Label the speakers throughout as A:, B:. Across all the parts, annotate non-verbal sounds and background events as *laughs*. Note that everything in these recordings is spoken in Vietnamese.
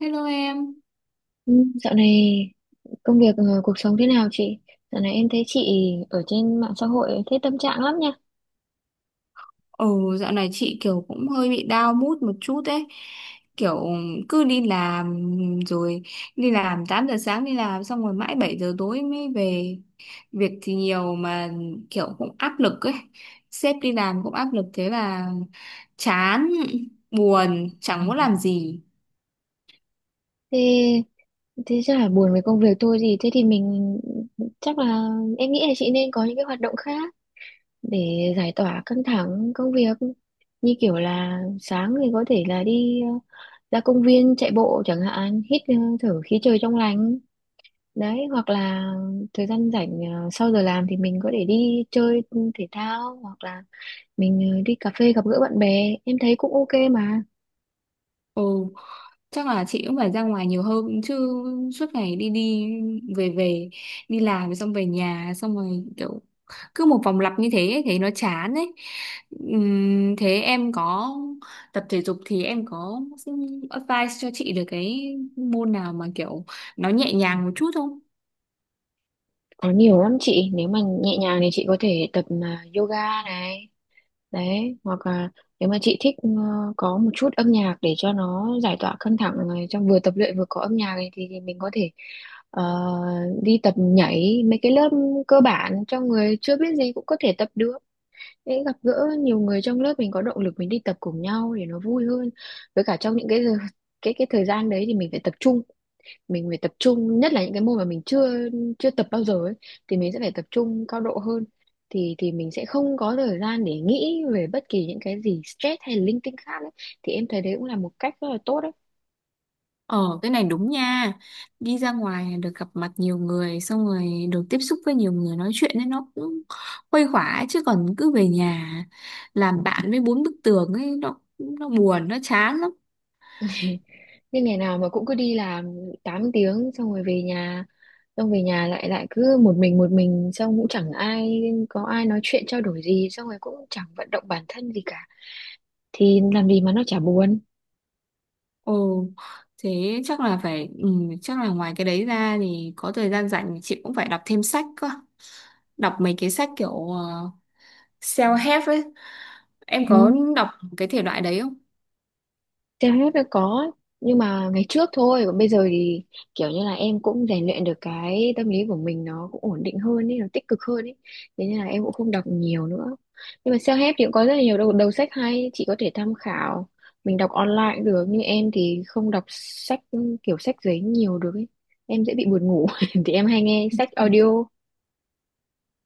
A: Hello em.
B: Ừ, dạo này công việc cuộc sống thế nào chị? Dạo này em thấy chị ở trên mạng xã hội thấy tâm trạng lắm nha.
A: Ừ, dạo này chị kiểu cũng hơi bị down mood một chút ấy. Kiểu cứ đi làm rồi đi làm 8 giờ sáng đi làm xong rồi mãi 7 giờ tối mới về. Việc thì nhiều mà kiểu cũng áp lực ấy. Sếp đi làm cũng áp lực thế là chán, buồn, chẳng muốn
B: Ừ.
A: làm gì.
B: Thế thế chắc là buồn về công việc thôi gì thế thì mình chắc là em nghĩ là chị nên có những cái hoạt động khác để giải tỏa căng thẳng công việc. Như kiểu là sáng thì có thể là đi ra công viên chạy bộ chẳng hạn, hít thở khí trời trong lành. Đấy, hoặc là thời gian rảnh sau giờ làm thì mình có thể đi chơi thể thao hoặc là mình đi cà phê gặp gỡ bạn bè, em thấy cũng ok mà.
A: Ừ. Chắc là chị cũng phải ra ngoài nhiều hơn chứ suốt ngày đi đi về về đi làm xong về nhà xong rồi kiểu cứ một vòng lặp như thế ấy, thấy nó chán ấy. Thế em có tập thể dục thì em có advice cho chị được cái môn nào mà kiểu nó nhẹ nhàng một chút không?
B: Có nhiều lắm chị, nếu mà nhẹ nhàng thì chị có thể tập mà yoga này, đấy hoặc là nếu mà chị thích có một chút âm nhạc để cho nó giải tỏa căng thẳng này, trong vừa tập luyện vừa có âm nhạc này, thì mình có thể ờ, đi tập nhảy mấy cái lớp cơ bản cho người chưa biết gì cũng có thể tập được. Để gặp gỡ nhiều người trong lớp mình có động lực mình đi tập cùng nhau để nó vui hơn. Với cả trong những cái cái thời gian đấy thì mình phải tập trung, mình phải tập trung, nhất là những cái môn mà mình chưa chưa tập bao giờ ấy thì mình sẽ phải tập trung cao độ hơn, thì mình sẽ không có thời gian để nghĩ về bất kỳ những cái gì stress hay linh tinh khác ấy, thì em thấy đấy cũng là một cách rất là tốt đấy.
A: Ờ, cái này đúng nha. Đi ra ngoài được gặp mặt nhiều người, xong rồi được tiếp xúc với nhiều người nói chuyện ấy, nó cũng khuây khỏa ấy. Chứ còn cứ về nhà làm bạn với bốn bức tường ấy, nó buồn, nó chán lắm.
B: *laughs* Nhưng ngày nào mà cũng cứ đi làm 8 tiếng xong rồi về nhà, xong về nhà lại lại cứ một mình xong cũng chẳng ai có ai nói chuyện trao đổi gì, xong rồi cũng chẳng vận động bản thân gì cả thì làm gì mà nó chả buồn.
A: Ồ, thế chắc là chắc là ngoài cái đấy ra thì có thời gian rảnh chị cũng phải đọc thêm sách cơ. Đọc mấy cái sách kiểu self-help ấy. Em
B: Ừ.
A: có đọc cái thể loại đấy không?
B: Theo hết là có nhưng mà ngày trước thôi, còn bây giờ thì kiểu như là em cũng rèn luyện được cái tâm lý của mình, nó cũng ổn định hơn ấy, nó tích cực hơn ấy, thế nên là em cũng không đọc nhiều nữa. Nhưng mà self-help thì cũng có rất là nhiều đầu sách hay chị có thể tham khảo, mình đọc online cũng được. Nhưng em thì không đọc sách kiểu sách giấy nhiều được ấy, em dễ bị buồn ngủ. *laughs* Thì em hay nghe sách audio.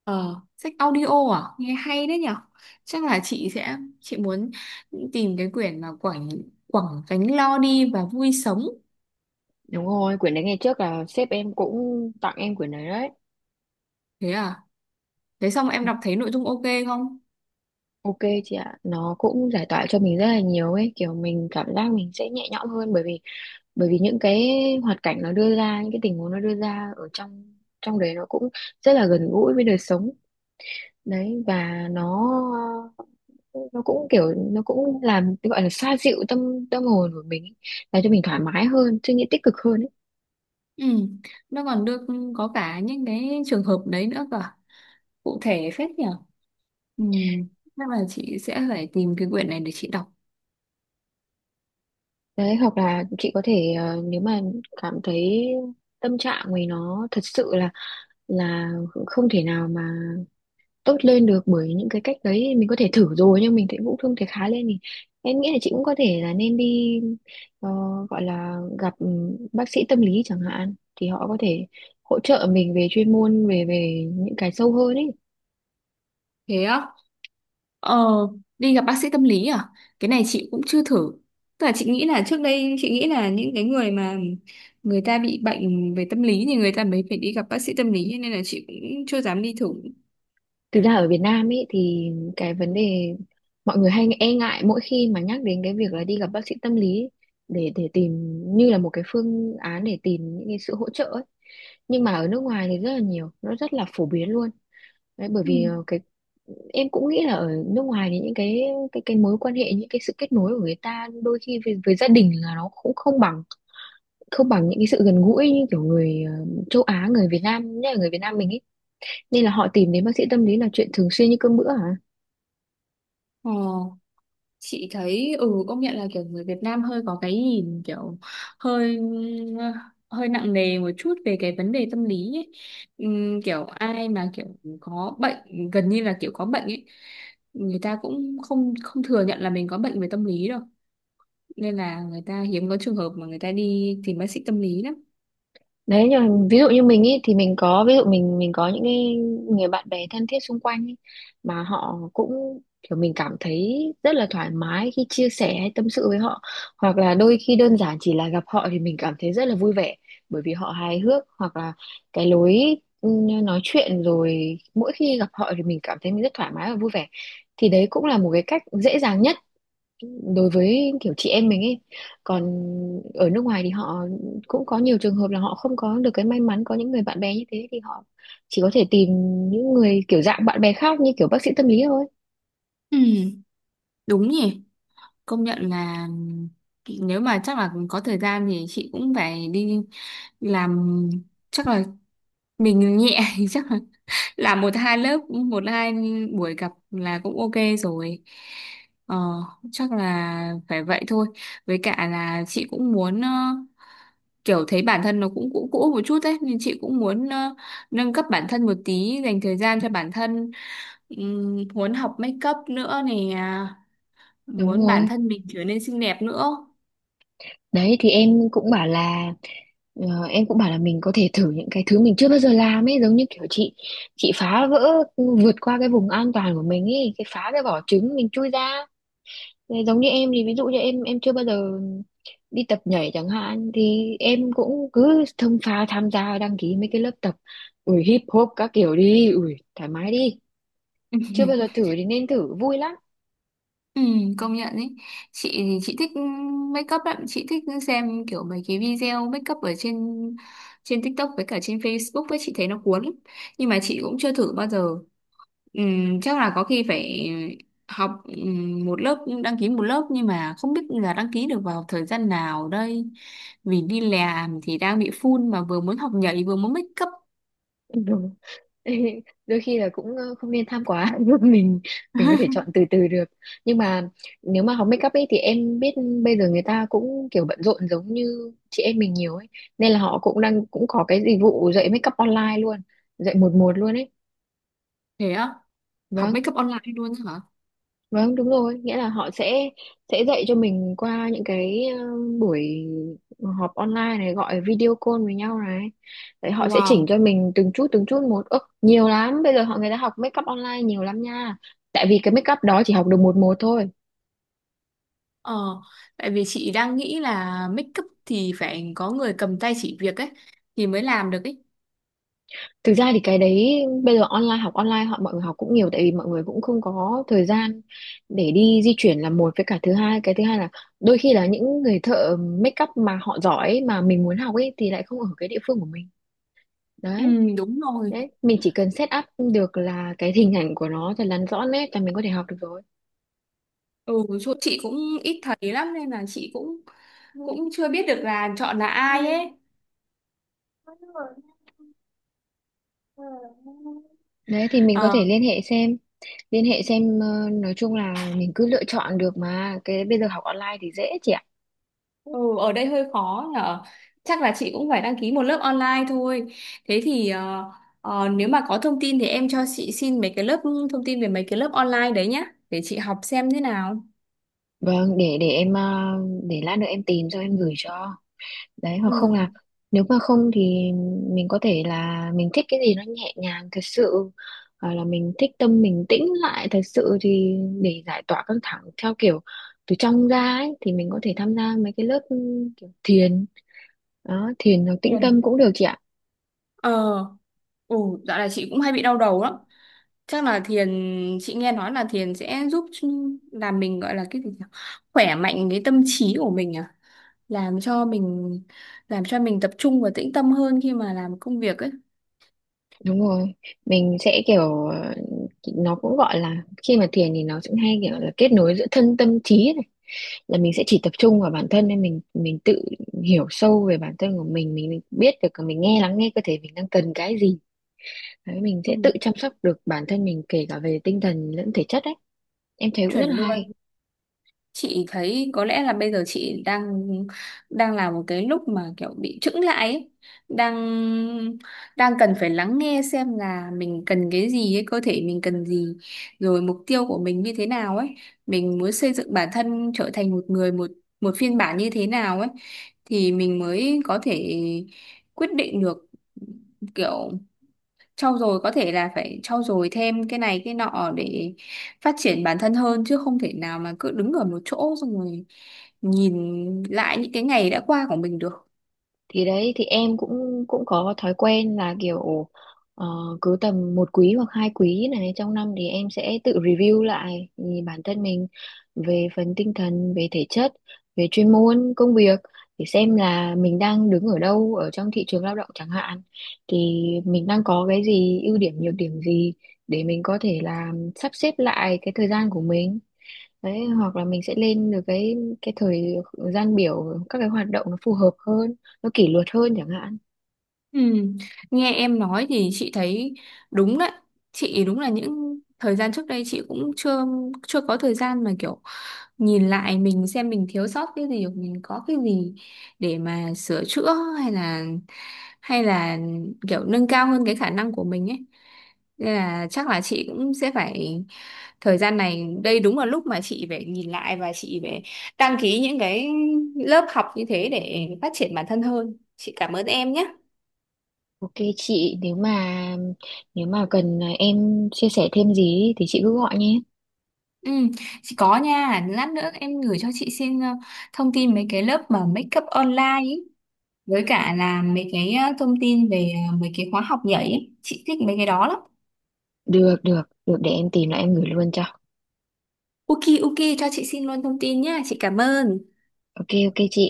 A: Ờ, sách audio à? Nghe hay đấy nhở? Chắc là chị muốn tìm cái quyển mà Quảng Quảng Gánh Lo Đi và Vui Sống.
B: Đúng rồi, quyển đấy ngày trước là sếp em cũng tặng em quyển đấy đấy.
A: Thế à? Thế xong em đọc thấy nội dung ok không?
B: Ok chị ạ, nó cũng giải tỏa cho mình rất là nhiều ấy, kiểu mình cảm giác mình sẽ nhẹ nhõm hơn, bởi vì những cái hoạt cảnh nó đưa ra, những cái tình huống nó đưa ra ở trong trong đấy nó cũng rất là gần gũi với đời sống đấy, và nó cũng kiểu nó cũng làm gọi là xoa dịu tâm tâm hồn của mình ấy, làm cho mình thoải mái hơn, suy nghĩ tích cực hơn ấy.
A: Ừ, nó còn được có cả những cái trường hợp đấy nữa cơ à? Cụ thể phết nhở? Ừ, chắc là chị sẽ phải tìm cái quyển này để chị đọc.
B: Đấy hoặc là chị có thể nếu mà cảm thấy tâm trạng mình nó thật sự là không thể nào mà tốt lên được, bởi những cái cách đấy mình có thể thử rồi nhưng mình thấy cũng không thể khá lên, thì em nghĩ là chị cũng có thể là nên đi ờ, gọi là gặp, ừ, bác sĩ tâm lý chẳng hạn, thì họ có thể hỗ trợ mình về chuyên môn, về về những cái sâu hơn ấy.
A: Thế á? Ờ, đi gặp bác sĩ tâm lý à? Cái này chị cũng chưa thử. Tức là chị nghĩ là trước đây chị nghĩ là những cái người mà người ta bị bệnh về tâm lý thì người ta mới phải đi gặp bác sĩ tâm lý cho nên là chị cũng chưa dám đi thử.
B: Thực ra ở Việt Nam ấy thì cái vấn đề mọi người hay e ngại mỗi khi mà nhắc đến cái việc là đi gặp bác sĩ tâm lý, để tìm như là một cái phương án để tìm những cái sự hỗ trợ ấy. Nhưng mà ở nước ngoài thì rất là nhiều, nó rất là phổ biến luôn. Đấy, bởi
A: Ừ.
B: vì cái em cũng nghĩ là ở nước ngoài thì những cái mối quan hệ, những cái sự kết nối của người ta đôi khi với gia đình là nó cũng không bằng những cái sự gần gũi như kiểu người châu Á, người Việt Nam, nhất là người Việt Nam mình ấy, nên là họ tìm đến bác sĩ tâm lý là chuyện thường xuyên như cơm bữa hả.
A: Ờ, chị thấy công nhận là kiểu người Việt Nam hơi có cái nhìn kiểu hơi hơi nặng nề một chút về cái vấn đề tâm lý ấy. Kiểu ai mà kiểu có bệnh, gần như là kiểu có bệnh ấy, người ta cũng không không thừa nhận là mình có bệnh về tâm lý đâu, nên là người ta hiếm có trường hợp mà người ta đi tìm bác sĩ tâm lý lắm.
B: Đấy nhưng mà ví dụ như mình ý, thì mình có ví dụ mình có những cái người bạn bè thân thiết xung quanh ý, mà họ cũng kiểu mình cảm thấy rất là thoải mái khi chia sẻ hay tâm sự với họ, hoặc là đôi khi đơn giản chỉ là gặp họ thì mình cảm thấy rất là vui vẻ bởi vì họ hài hước, hoặc là cái lối ừ, nói chuyện, rồi mỗi khi gặp họ thì mình cảm thấy mình rất thoải mái và vui vẻ, thì đấy cũng là một cái cách dễ dàng nhất đối với kiểu chị em mình ấy. Còn ở nước ngoài thì họ cũng có nhiều trường hợp là họ không có được cái may mắn có những người bạn bè như thế, thì họ chỉ có thể tìm những người kiểu dạng bạn bè khác như kiểu bác sĩ tâm lý thôi.
A: Ừ, đúng nhỉ. Công nhận là nếu mà chắc là có thời gian thì chị cũng phải đi làm, chắc là mình nhẹ *laughs* thì chắc là làm một hai lớp, một hai buổi gặp là cũng ok rồi. Ờ, chắc là phải vậy thôi. Với cả là chị cũng muốn kiểu thấy bản thân nó cũng cũ cũ một chút đấy, nên chị cũng muốn nâng cấp bản thân một tí, dành thời gian cho bản thân. Muốn học make up nữa nè,
B: Đúng
A: muốn bản
B: rồi,
A: thân mình trở nên xinh đẹp nữa.
B: đấy thì em cũng bảo là em cũng bảo là mình có thể thử những cái thứ mình chưa bao giờ làm ấy, giống như kiểu chị phá vỡ, vượt qua cái vùng an toàn của mình ấy, cái phá cái vỏ trứng mình chui ra. Thế giống như em thì ví dụ như em chưa bao giờ đi tập nhảy chẳng hạn, thì em cũng cứ thông pha tham gia đăng ký mấy cái lớp tập, ui hip hop các kiểu đi, ui thoải mái đi, chưa bao giờ
A: *laughs*
B: thử thì nên thử, vui lắm.
A: Ừ, công nhận ý, chị thì chị thích make up lắm, chị thích xem kiểu mấy cái video make up ở trên trên TikTok với cả trên Facebook ấy, chị thấy nó cuốn lắm, nhưng mà chị cũng chưa thử bao giờ. Chắc là có khi phải học một lớp, đăng ký một lớp, nhưng mà không biết là đăng ký được vào thời gian nào đây, vì đi làm thì đang bị full mà vừa muốn học nhảy vừa muốn make up.
B: Ừ. *laughs* Đôi khi là cũng không nên tham quá. *laughs* mình mình có thể
A: *laughs*
B: chọn từ từ được. Nhưng mà nếu mà học make up ấy thì em biết bây giờ người ta cũng kiểu bận rộn giống như chị em mình nhiều ấy, nên là họ cũng đang cũng có cái dịch vụ dạy make up online luôn, dạy một một luôn ấy.
A: Thế á? Học
B: Vâng.
A: make up online luôn á hả?
B: Vâng, đúng rồi, nghĩa là họ sẽ dạy cho mình qua những cái buổi họp online này, gọi video call với nhau này. Đấy họ sẽ chỉnh
A: Wow.
B: cho mình từng chút một. Ơ, nhiều lắm, bây giờ họ người ta học make up online nhiều lắm nha. Tại vì cái make up đó chỉ học được một một thôi.
A: Ờ, tại vì chị đang nghĩ là make up thì phải có người cầm tay chỉ việc ấy thì mới làm được ấy.
B: Thực ra thì cái đấy bây giờ online, học online họ mọi người học cũng nhiều, tại vì mọi người cũng không có thời gian để đi di chuyển là một, với cả thứ hai, cái thứ hai là đôi khi là những người thợ make up mà họ giỏi mà mình muốn học ấy thì lại không ở cái địa phương của mình.
A: Ừ,
B: Đấy.
A: đúng rồi.
B: Đấy, mình chỉ cần set up được là cái hình ảnh của nó thật là rõ nét là mình có thể học được rồi.
A: Ừ, chỗ chị cũng ít thấy lắm nên là chị cũng cũng chưa biết được là chọn là ai ấy.
B: Đấy thì mình có
A: Ờ,
B: thể liên hệ xem nói chung là mình cứ lựa chọn được mà, cái bây giờ học online thì dễ chị ạ.
A: ừ, ở đây hơi khó nhở. Chắc là chị cũng phải đăng ký một lớp online thôi. Thế thì nếu mà có thông tin thì em cho chị xin mấy cái lớp thông tin về mấy cái lớp online đấy nhá, để chị học xem thế nào.
B: Vâng, để em, để lát nữa em tìm cho em gửi cho. Đấy hoặc không là nếu mà không thì mình có thể là mình thích cái gì nó nhẹ nhàng thật sự, hoặc là mình thích tâm mình tĩnh lại thật sự thì để giải tỏa căng thẳng theo kiểu từ trong ra ấy, thì mình có thể tham gia mấy cái lớp kiểu thiền đó, thiền hoặc tĩnh tâm
A: Ừ.
B: cũng được chị ạ.
A: Ờ, ừ, dạo này chị cũng hay bị đau đầu lắm. Chắc là thiền, chị nghe nói là thiền sẽ giúp làm mình, gọi là cái gì nhỉ? Khỏe mạnh cái tâm trí của mình à, làm cho mình tập trung và tĩnh tâm hơn khi mà làm công việc ấy.
B: Đúng rồi, mình sẽ kiểu nó cũng gọi là khi mà thiền thì nó cũng hay kiểu là kết nối giữa thân tâm trí, là mình sẽ chỉ tập trung vào bản thân, nên mình tự hiểu sâu về bản thân của mình biết được mình lắng nghe cơ thể mình đang cần cái gì. Đấy, mình
A: Ừ,
B: sẽ tự chăm sóc được bản thân mình kể cả về tinh thần lẫn thể chất đấy, em thấy cũng rất là
A: chuẩn luôn.
B: hay.
A: Chị thấy có lẽ là bây giờ chị đang đang là một cái lúc mà kiểu bị chững lại ấy. Đang đang cần phải lắng nghe xem là mình cần cái gì ấy, cơ thể mình cần gì, rồi mục tiêu của mình như thế nào ấy, mình muốn xây dựng bản thân trở thành một người một một phiên bản như thế nào ấy, thì mình mới có thể quyết định được, kiểu trau dồi, có thể là phải trau dồi thêm cái này cái nọ để phát triển bản thân hơn, chứ không thể nào mà cứ đứng ở một chỗ xong rồi nhìn lại những cái ngày đã qua của mình được.
B: Thì đấy thì em cũng cũng có thói quen là kiểu ờ, cứ tầm một quý hoặc hai quý này trong năm thì em sẽ tự review lại thì bản thân mình về phần tinh thần, về thể chất, về chuyên môn công việc, để xem là mình đang đứng ở đâu ở trong thị trường lao động chẳng hạn, thì mình đang có cái gì, ưu điểm nhược điểm gì, để mình có thể là sắp xếp lại cái thời gian của mình. Đấy, hoặc là mình sẽ lên được cái thời gian biểu, các cái hoạt động nó phù hợp hơn, nó kỷ luật hơn chẳng hạn.
A: Ừ. Nghe em nói thì chị thấy đúng đấy, chị đúng là những thời gian trước đây chị cũng chưa chưa có thời gian mà kiểu nhìn lại mình, xem mình thiếu sót cái gì hoặc mình có cái gì để mà sửa chữa, hay là hay là kiểu nâng cao hơn cái khả năng của mình ấy, nên là chắc là chị cũng sẽ phải, thời gian này đây đúng là lúc mà chị phải nhìn lại và chị phải đăng ký những cái lớp học như thế để phát triển bản thân hơn. Chị cảm ơn em nhé.
B: Ok chị, nếu mà cần à, em chia sẻ thêm gì thì chị cứ gọi nhé.
A: Ừ, chị có nha, lát nữa em gửi cho chị xin thông tin mấy cái lớp mà make up online ý, với cả là mấy cái thông tin về mấy cái khóa học nhảy ý. Chị thích mấy cái đó lắm.
B: Được được được, để em tìm lại em gửi luôn cho.
A: Ok, ok, cho chị xin luôn thông tin nhá, chị cảm ơn.
B: Ok ok chị.